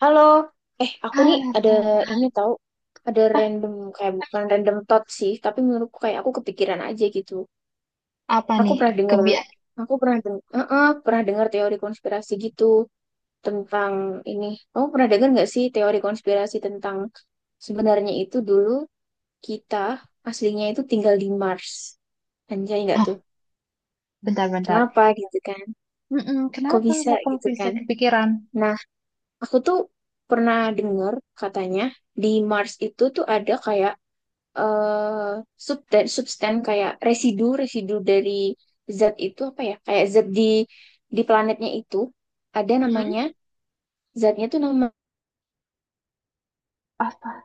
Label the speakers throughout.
Speaker 1: Halo, aku nih ada
Speaker 2: Aduh.
Speaker 1: ini tahu, ada
Speaker 2: Ah,
Speaker 1: random kayak bukan random thought sih, tapi menurutku kayak aku kepikiran aja gitu.
Speaker 2: apa
Speaker 1: Aku
Speaker 2: nih?
Speaker 1: pernah dengar,
Speaker 2: Kebia...
Speaker 1: aku pernah dengar teori konspirasi gitu tentang ini. Kamu pernah dengar nggak sih teori konspirasi tentang sebenarnya itu dulu kita aslinya itu tinggal di Mars, anjay nggak
Speaker 2: Hah,
Speaker 1: tuh?
Speaker 2: bentar-bentar.
Speaker 1: Kenapa gitu kan?
Speaker 2: Mm-mm,
Speaker 1: Kok
Speaker 2: kenapa
Speaker 1: bisa
Speaker 2: aku
Speaker 1: gitu
Speaker 2: bisa
Speaker 1: kan?
Speaker 2: kepikiran?
Speaker 1: Nah, aku tuh pernah dengar katanya di Mars itu tuh ada kayak eh substan substan kayak residu residu dari zat itu apa ya kayak zat di planetnya itu ada namanya
Speaker 2: Mhm.
Speaker 1: zatnya tuh nama
Speaker 2: Apa?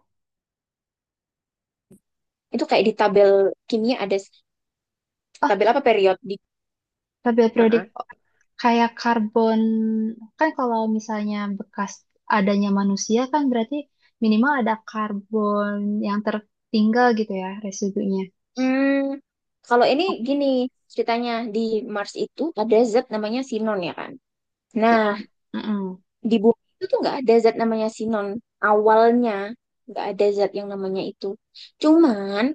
Speaker 1: itu kayak di tabel kimia ada
Speaker 2: Ah,
Speaker 1: tabel apa period di.
Speaker 2: tabel periodik
Speaker 1: Heeh.
Speaker 2: kayak karbon. Kan kalau misalnya bekas adanya manusia kan berarti minimal ada karbon yang tertinggal gitu ya residunya.
Speaker 1: Hmm, kalau ini gini ceritanya di Mars itu ada zat namanya sinon ya kan.
Speaker 2: Si
Speaker 1: Nah,
Speaker 2: non. Mm-mm.
Speaker 1: di bumi itu tuh nggak ada zat namanya sinon awalnya nggak ada zat yang namanya itu cuman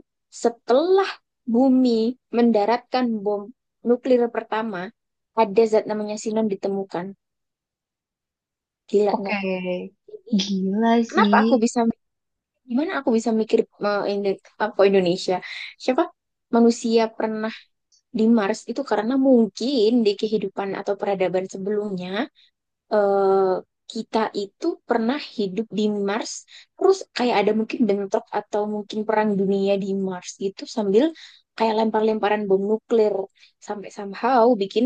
Speaker 1: setelah bumi mendaratkan bom nuklir pertama ada zat namanya sinon ditemukan. Gila nggak?
Speaker 2: Oke.
Speaker 1: Jadi
Speaker 2: Gila
Speaker 1: kenapa aku
Speaker 2: sih.
Speaker 1: bisa mikir, gimana aku bisa mikir mau Indo- apa Indonesia siapa manusia pernah di Mars itu karena mungkin di kehidupan atau peradaban sebelumnya eh, kita itu pernah hidup di Mars, terus kayak ada mungkin bentrok atau mungkin perang dunia di Mars gitu sambil kayak lempar-lemparan bom nuklir sampai somehow bikin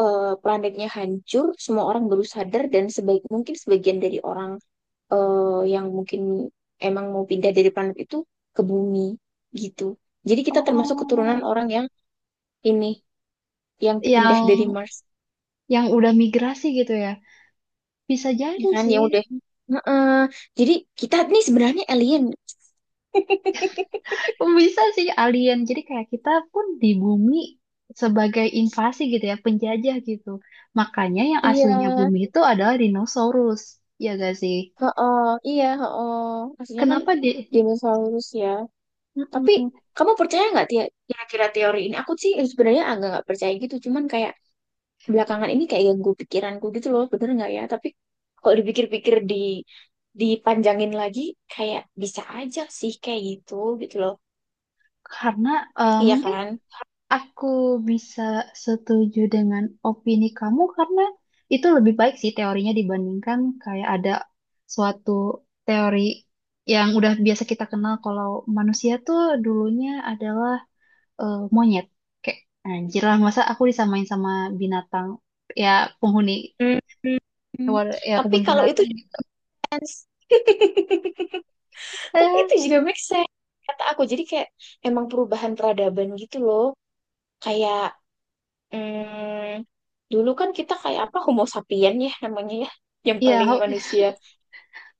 Speaker 1: planetnya hancur, semua orang baru sadar dan sebaik mungkin sebagian dari orang yang mungkin emang mau pindah dari planet itu ke bumi gitu. Jadi kita termasuk keturunan
Speaker 2: Oh,
Speaker 1: orang yang ini yang pindah
Speaker 2: yang
Speaker 1: dari Mars.
Speaker 2: yang udah migrasi gitu ya. Bisa
Speaker 1: Ya
Speaker 2: jadi
Speaker 1: kan,
Speaker 2: sih.
Speaker 1: ya udah. Heeh. Jadi kita nih sebenarnya alien.
Speaker 2: Bisa sih alien. Jadi kayak kita pun di bumi sebagai invasi gitu ya, penjajah gitu. Makanya yang aslinya
Speaker 1: Iya
Speaker 2: bumi itu adalah dinosaurus, ya gak sih?
Speaker 1: heeh, iya heeh, maksudnya kan
Speaker 2: Kenapa di...
Speaker 1: dinosaurus ya. Tapi
Speaker 2: Mm-mm.
Speaker 1: kamu percaya nggak kira-kira teori ini? Aku sih sebenarnya agak nggak percaya gitu cuman kayak belakangan ini kayak ganggu pikiranku gitu loh, bener nggak ya, tapi kalau dipikir-pikir di dipanjangin lagi kayak bisa aja sih kayak gitu gitu loh,
Speaker 2: Karena
Speaker 1: iya
Speaker 2: mungkin
Speaker 1: kan?
Speaker 2: aku bisa setuju dengan opini kamu karena itu lebih baik sih teorinya dibandingkan kayak ada suatu teori yang udah biasa kita kenal kalau manusia tuh dulunya adalah monyet. Kayak anjir lah masa aku disamain sama binatang ya penghuni
Speaker 1: Hmm.
Speaker 2: hewan ya
Speaker 1: Tapi
Speaker 2: kebun
Speaker 1: kalau
Speaker 2: binatang
Speaker 1: itu
Speaker 2: gitu.
Speaker 1: Tapi itu
Speaker 2: Eh,
Speaker 1: juga make sense kata aku, jadi kayak emang perubahan peradaban gitu loh, kayak mm, dulu kan kita kayak apa Homo sapien ya namanya ya, yang
Speaker 2: ya
Speaker 1: paling
Speaker 2: ho-
Speaker 1: manusia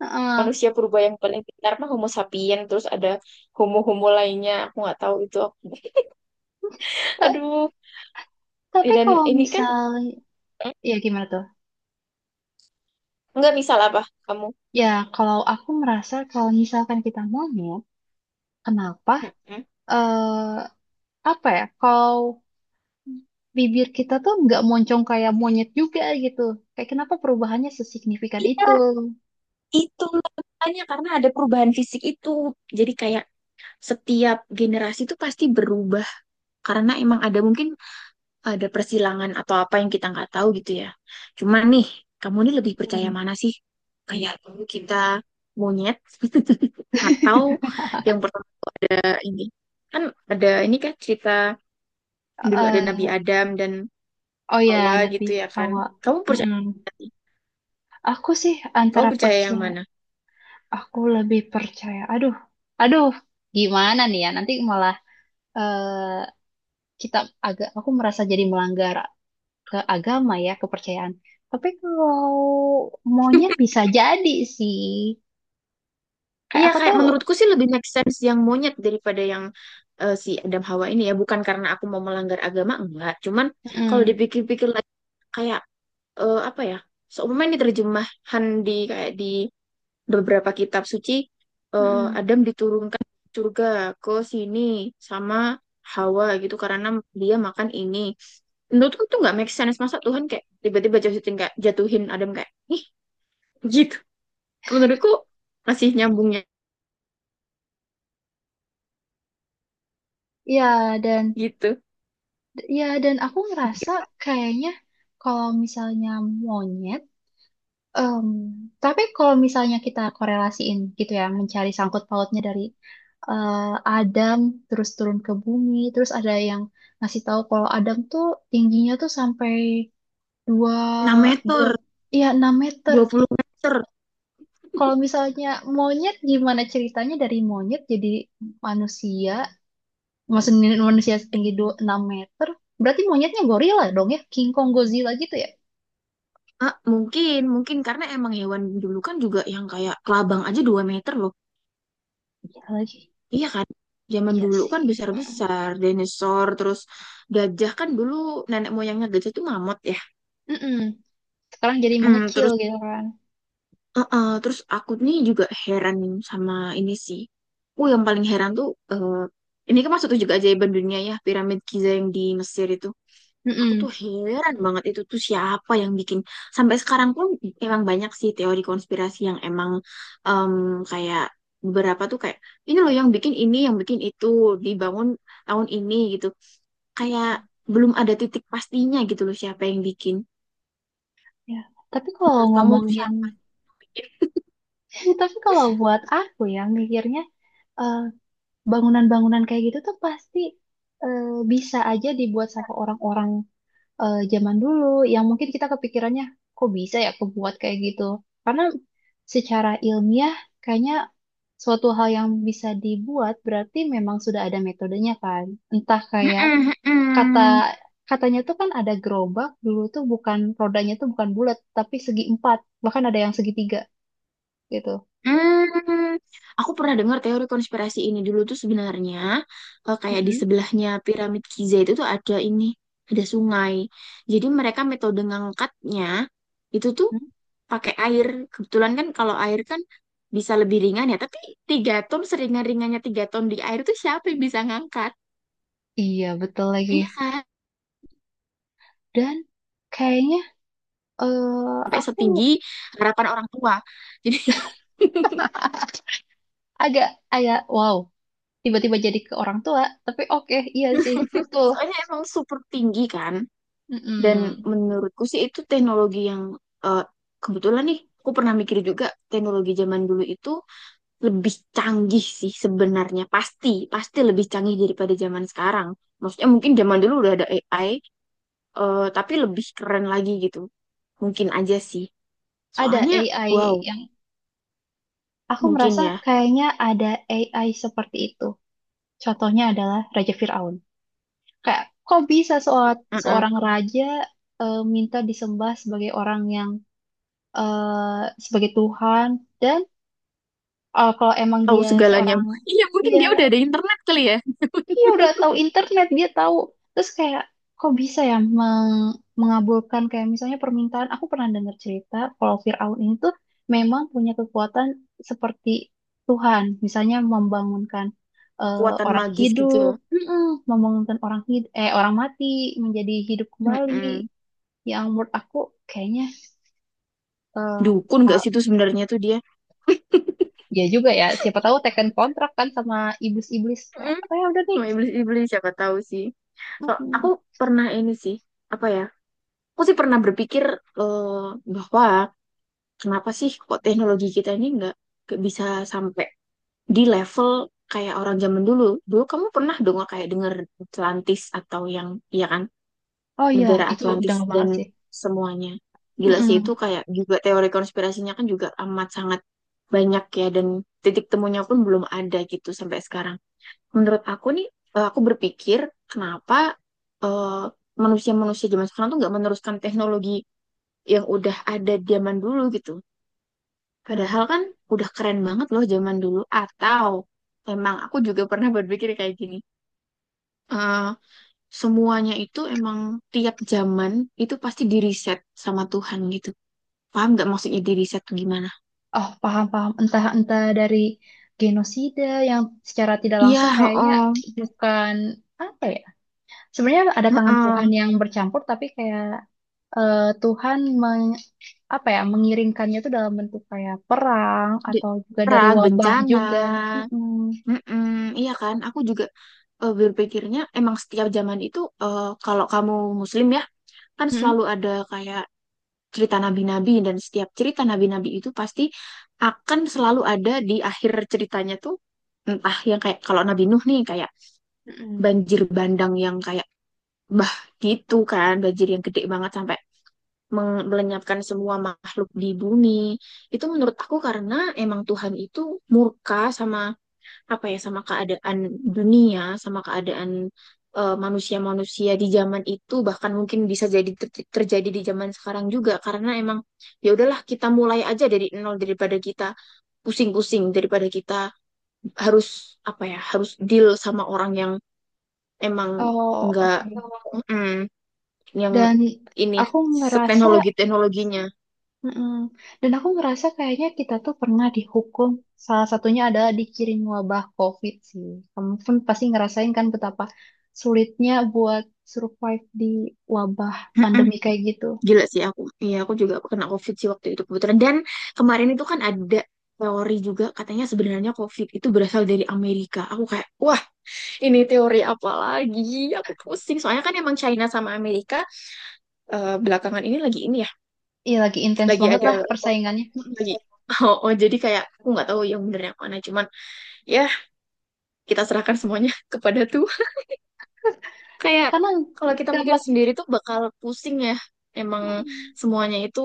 Speaker 2: eh,
Speaker 1: manusia purba yang paling pintar mah Homo sapien, terus ada homo homo lainnya aku nggak tahu itu
Speaker 2: ta-
Speaker 1: aduh, ya
Speaker 2: tapi
Speaker 1: dan
Speaker 2: kalau
Speaker 1: ini kan
Speaker 2: misal ya gimana tuh?
Speaker 1: nggak misal apa kamu.
Speaker 2: Ya kalau aku merasa kalau misalkan kita monyet, kenapa
Speaker 1: Mm-mm.
Speaker 2: eh apa ya? Kalau bibir kita tuh nggak moncong kayak monyet juga gitu. Kayak kenapa perubahannya sesignifikan
Speaker 1: Iya,
Speaker 2: itu?
Speaker 1: itulah makanya karena ada perubahan fisik itu. Jadi kayak setiap generasi itu pasti berubah karena emang ada mungkin ada persilangan atau apa yang kita nggak tahu gitu ya. Cuman nih, kamu ini lebih percaya
Speaker 2: Hmm.
Speaker 1: mana sih? Kayak dulu kita monyet, atau yang pertama ada ini kan ada ini kan cerita dulu ada
Speaker 2: Eh,
Speaker 1: Nabi Adam dan
Speaker 2: oh ya,
Speaker 1: Hawa
Speaker 2: nanti
Speaker 1: gitu ya kan.
Speaker 2: hawa.
Speaker 1: Kamu percaya
Speaker 2: Aku sih
Speaker 1: kamu
Speaker 2: antara
Speaker 1: percaya yang
Speaker 2: percaya,
Speaker 1: mana?
Speaker 2: aku lebih percaya. Aduh, aduh, gimana nih ya? Nanti malah eh, kita agak, aku merasa jadi melanggar ke agama ya, kepercayaan. Tapi kalau monyet bisa jadi sih. Kayak
Speaker 1: Iya,
Speaker 2: aku
Speaker 1: kayak
Speaker 2: tuh,
Speaker 1: menurutku sih lebih make sense yang monyet daripada yang si Adam Hawa ini ya. Bukan karena aku mau melanggar agama enggak. Cuman kalau
Speaker 2: mm,
Speaker 1: dipikir-pikir lagi kayak apa ya? Seumpamanya ini terjemahan di kayak di beberapa kitab suci
Speaker 2: mm,
Speaker 1: Adam diturunkan ke surga ke sini sama Hawa gitu karena dia makan ini. Menurutku tuh nggak make sense masa Tuhan kayak tiba-tiba jatuhin kayak jatuhin Adam kayak ih gitu. Menurutku masih nyambungnya
Speaker 2: ya dan
Speaker 1: gitu.
Speaker 2: ya dan aku ngerasa kayaknya kalau misalnya monyet. Em, tapi kalau misalnya kita korelasiin gitu ya, mencari sangkut pautnya dari eh, Adam terus turun ke bumi, terus ada yang ngasih tahu kalau Adam tuh tingginya tuh sampai dua
Speaker 1: 6
Speaker 2: dua
Speaker 1: meter,
Speaker 2: ya 6 meter.
Speaker 1: 20 meter.
Speaker 2: Kalau misalnya monyet gimana ceritanya dari monyet jadi manusia, maksudnya manusia setinggi dua, 6 meter, berarti monyetnya gorila dong ya, King Kong Godzilla gitu ya.
Speaker 1: Ah, mungkin, mungkin karena emang hewan dulu kan juga yang kayak kelabang aja 2 meter loh.
Speaker 2: Iya lagi.
Speaker 1: Iya kan? Zaman
Speaker 2: Iya
Speaker 1: dulu
Speaker 2: sih.
Speaker 1: kan besar-besar, dinosaur, terus gajah kan dulu nenek moyangnya gajah itu mamut ya.
Speaker 2: Mm-mm. Sekarang jadi
Speaker 1: Mm,
Speaker 2: mengecil
Speaker 1: terus
Speaker 2: gitu kan.
Speaker 1: terus aku nih juga heran sama ini sih. Oh, yang paling heran tuh eh, ini kan masuk juga ajaiban dunia ya, piramid Giza yang di Mesir itu. Aku tuh
Speaker 2: Mm-mm.
Speaker 1: heran banget itu tuh siapa yang bikin. Sampai sekarang pun emang banyak sih teori konspirasi yang emang em, kayak beberapa tuh kayak ini loh yang bikin ini, yang bikin itu dibangun tahun ini gitu. Kayak belum ada titik pastinya gitu loh siapa yang bikin.
Speaker 2: Ya, tapi kalau
Speaker 1: Menurut kamu tuh
Speaker 2: ngomongin,
Speaker 1: siapa?
Speaker 2: tapi kalau buat aku ya mikirnya eh, bangunan-bangunan kayak gitu tuh pasti eh, bisa aja dibuat sama orang-orang zaman dulu yang mungkin kita kepikirannya kok bisa ya kebuat kayak gitu. Karena secara ilmiah kayaknya suatu hal yang bisa dibuat berarti memang sudah ada metodenya kan. Entah kayak
Speaker 1: Mm-mm,
Speaker 2: kata
Speaker 1: mm-mm.
Speaker 2: katanya tuh kan ada gerobak dulu tuh bukan rodanya tuh bukan bulat tapi segi empat bahkan ada yang segitiga gitu.
Speaker 1: Hmm, aku pernah dengar teori konspirasi ini dulu tuh sebenarnya kayak di
Speaker 2: Mm-mm.
Speaker 1: sebelahnya piramid Giza itu tuh ada ini, ada sungai. Jadi mereka metode ngangkatnya itu tuh
Speaker 2: mm
Speaker 1: pakai air. Kebetulan kan kalau air kan bisa lebih ringan ya, tapi 3 ton seringan-ringannya 3 ton di air tuh siapa yang bisa ngangkat?
Speaker 2: iya betul lagi
Speaker 1: Iya kan?
Speaker 2: dan kayaknya
Speaker 1: Sampai
Speaker 2: aku
Speaker 1: setinggi harapan orang tua. Jadi
Speaker 2: agak agak wow tiba-tiba jadi ke orang tua tapi oke iya sih betul.
Speaker 1: soalnya emang super tinggi kan. Dan
Speaker 2: Mm-mm.
Speaker 1: menurutku sih itu teknologi yang eh, kebetulan nih, aku pernah mikir juga teknologi zaman dulu itu lebih canggih sih sebenarnya. Pasti, pasti lebih canggih daripada zaman sekarang. Maksudnya mungkin zaman dulu udah ada AI, tapi lebih keren lagi gitu. Mungkin aja sih.
Speaker 2: Ada
Speaker 1: Soalnya, wow,
Speaker 2: AI yang aku
Speaker 1: mungkin
Speaker 2: merasa
Speaker 1: ya.
Speaker 2: kayaknya ada AI seperti itu contohnya adalah Raja Fir'aun. Kayak kok bisa seorang
Speaker 1: Mm-mm.
Speaker 2: seorang raja minta disembah sebagai orang yang sebagai Tuhan dan kalau emang
Speaker 1: Tahu
Speaker 2: dia
Speaker 1: segalanya.
Speaker 2: seorang
Speaker 1: Iya, mungkin
Speaker 2: iya.
Speaker 1: dia udah ada internet kali ya.
Speaker 2: Iya udah tahu internet dia tahu. Terus kayak kok bisa ya mengabulkan kayak misalnya permintaan. Aku pernah dengar cerita kalau Firaun ini tuh memang punya kekuatan seperti Tuhan, misalnya membangunkan
Speaker 1: Kekuatan
Speaker 2: orang
Speaker 1: magis gitu ya.
Speaker 2: hidup, Mm-mm, membangunkan orang mati menjadi hidup kembali.
Speaker 1: Mm-mm.
Speaker 2: Yang menurut aku kayaknya eh,
Speaker 1: Dukun gak
Speaker 2: al-
Speaker 1: sih tuh sebenarnya tuh dia?
Speaker 2: ya juga ya. Siapa tahu teken kontrak kan sama iblis-iblis kayak,
Speaker 1: Mm-mm.
Speaker 2: oh ya udah nih.
Speaker 1: Sama iblis-iblis siapa tahu sih. So, aku
Speaker 2: Mm-mm.
Speaker 1: pernah ini sih, apa ya? Aku sih pernah berpikir eh, bahwa kenapa sih kok teknologi kita ini nggak bisa sampai di level kayak orang zaman dulu. Dulu kamu pernah dong kayak denger Atlantis atau yang, iya kan,
Speaker 2: Oh iya,
Speaker 1: negara
Speaker 2: itu udah
Speaker 1: Atlantis
Speaker 2: banget
Speaker 1: dan
Speaker 2: sih.
Speaker 1: semuanya. Gila sih itu,
Speaker 2: Mm-mm.
Speaker 1: kayak juga teori konspirasinya kan juga amat sangat banyak ya, dan titik temunya pun belum ada gitu sampai sekarang. Menurut aku nih aku berpikir kenapa eh, manusia-manusia zaman sekarang tuh nggak meneruskan teknologi yang udah ada zaman dulu gitu.
Speaker 2: Nah,
Speaker 1: Padahal kan udah keren banget loh zaman dulu. Atau emang aku juga pernah berpikir kayak gini. eh, semuanya itu emang tiap zaman itu pasti diriset sama Tuhan gitu. Paham nggak maksudnya diriset tuh gimana?
Speaker 2: oh paham paham. Entah entah dari genosida yang secara tidak
Speaker 1: Iya,
Speaker 2: langsung kayaknya
Speaker 1: heeh,
Speaker 2: bukan apa ya. Sebenarnya ada tangan
Speaker 1: heeh.
Speaker 2: Tuhan yang bercampur, tapi kayak Tuhan meng, apa ya mengiringkannya itu dalam bentuk kayak perang
Speaker 1: Di-
Speaker 2: atau juga dari
Speaker 1: Perang,
Speaker 2: wabah
Speaker 1: bencana.
Speaker 2: juga. Mm-mm.
Speaker 1: Mm-mm, iya kan, aku juga berpikirnya emang setiap zaman itu kalau kamu Muslim ya kan
Speaker 2: Mm-mm.
Speaker 1: selalu ada kayak cerita nabi-nabi, dan setiap cerita nabi-nabi itu pasti akan selalu ada di akhir ceritanya tuh entah yang kayak kalau Nabi Nuh nih kayak
Speaker 2: Mm-mm.
Speaker 1: banjir bandang yang kayak bah gitu kan, banjir yang gede banget sampai melenyapkan semua makhluk di bumi. Itu menurut aku karena emang Tuhan itu murka sama apa ya, sama keadaan dunia, sama keadaan manusia-manusia di zaman itu, bahkan mungkin bisa jadi terjadi di zaman sekarang juga karena emang ya udahlah kita mulai aja dari nol daripada kita pusing-pusing, daripada kita harus apa ya, harus deal sama orang yang emang
Speaker 2: Oh
Speaker 1: nggak
Speaker 2: oke.
Speaker 1: mm, yang
Speaker 2: Dan
Speaker 1: ini
Speaker 2: aku ngerasa.
Speaker 1: seteknologi teknologinya.
Speaker 2: Mm-mm. Dan aku ngerasa kayaknya kita tuh pernah dihukum. Salah satunya adalah dikirim wabah COVID sih. Kamu pun pasti ngerasain kan betapa sulitnya buat survive di wabah pandemi kayak gitu.
Speaker 1: Gila sih aku. Iya, aku juga kena COVID sih waktu itu kebetulan. Dan kemarin itu kan ada teori juga katanya sebenarnya COVID itu berasal dari Amerika. Aku kayak, wah ini teori apa lagi? Aku pusing. Soalnya kan emang China sama Amerika belakangan ini lagi ini ya,
Speaker 2: Iya lagi intens
Speaker 1: lagi
Speaker 2: banget
Speaker 1: ada.
Speaker 2: lah
Speaker 1: Ya,
Speaker 2: persaingannya.
Speaker 1: lagi. Oh, oh, jadi kayak aku nggak tahu yang bener yang mana. Cuman ya kita serahkan semuanya kepada Tuhan. Kayak
Speaker 2: Karena
Speaker 1: kalau kita
Speaker 2: gak
Speaker 1: mikir
Speaker 2: bak.
Speaker 1: sendiri tuh bakal pusing ya. Emang
Speaker 2: Mm-mm.
Speaker 1: semuanya itu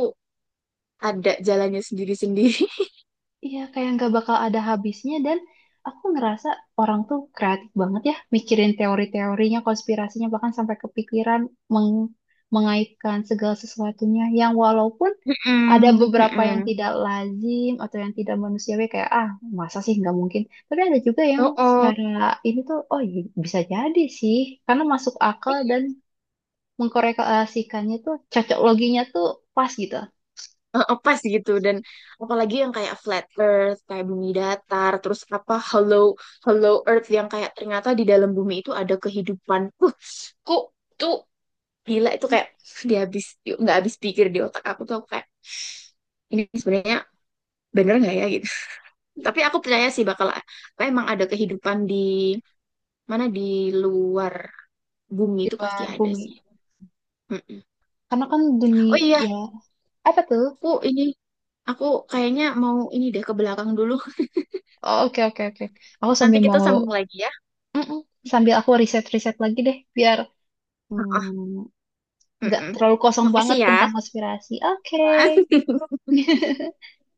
Speaker 1: ada jalannya sendiri-sendiri.
Speaker 2: Iya, kayak nggak bakal ada habisnya dan aku ngerasa orang tuh kreatif banget ya mikirin teori-teorinya, konspirasinya bahkan sampai kepikiran meng- mengaitkan segala sesuatunya yang walaupun ada
Speaker 1: Mm-mm,
Speaker 2: beberapa yang
Speaker 1: mm-mm.
Speaker 2: tidak lazim atau yang tidak manusiawi kayak ah masa sih nggak mungkin tapi ada juga yang
Speaker 1: Oh, oh.
Speaker 2: secara ini tuh oh iya, bisa jadi sih karena masuk akal dan mengkorelasikannya tuh cocok loginya tuh pas gitu
Speaker 1: Eh, eh, pas gitu, dan apalagi yang kayak flat earth kayak bumi datar, terus apa hollow hollow earth yang kayak ternyata di dalam bumi itu ada kehidupan kok tuh gila itu, kayak dia habis nggak habis pikir di otak aku tuh, aku kayak ini sebenarnya bener nggak ya gitu. Tapi aku percaya sih bakal apa emang ada kehidupan di mana di luar bumi
Speaker 2: di
Speaker 1: itu pasti
Speaker 2: luar
Speaker 1: ada
Speaker 2: bumi.
Speaker 1: sih. Mm-mm.
Speaker 2: Karena kan dunia
Speaker 1: Oh iya,
Speaker 2: ya. Apa tuh?
Speaker 1: aku ini aku kayaknya mau ini deh ke belakang dulu.
Speaker 2: Oh, oke, oke, oke. Aku
Speaker 1: Nanti
Speaker 2: sambil
Speaker 1: kita
Speaker 2: mau,
Speaker 1: sambung lagi ya.
Speaker 2: Mm-mm. sambil aku riset-riset lagi deh, biar
Speaker 1: Heeh,
Speaker 2: hmm, nggak
Speaker 1: heeh.
Speaker 2: terlalu kosong
Speaker 1: Makasih
Speaker 2: banget
Speaker 1: ya.
Speaker 2: tentang konspirasi. Oke.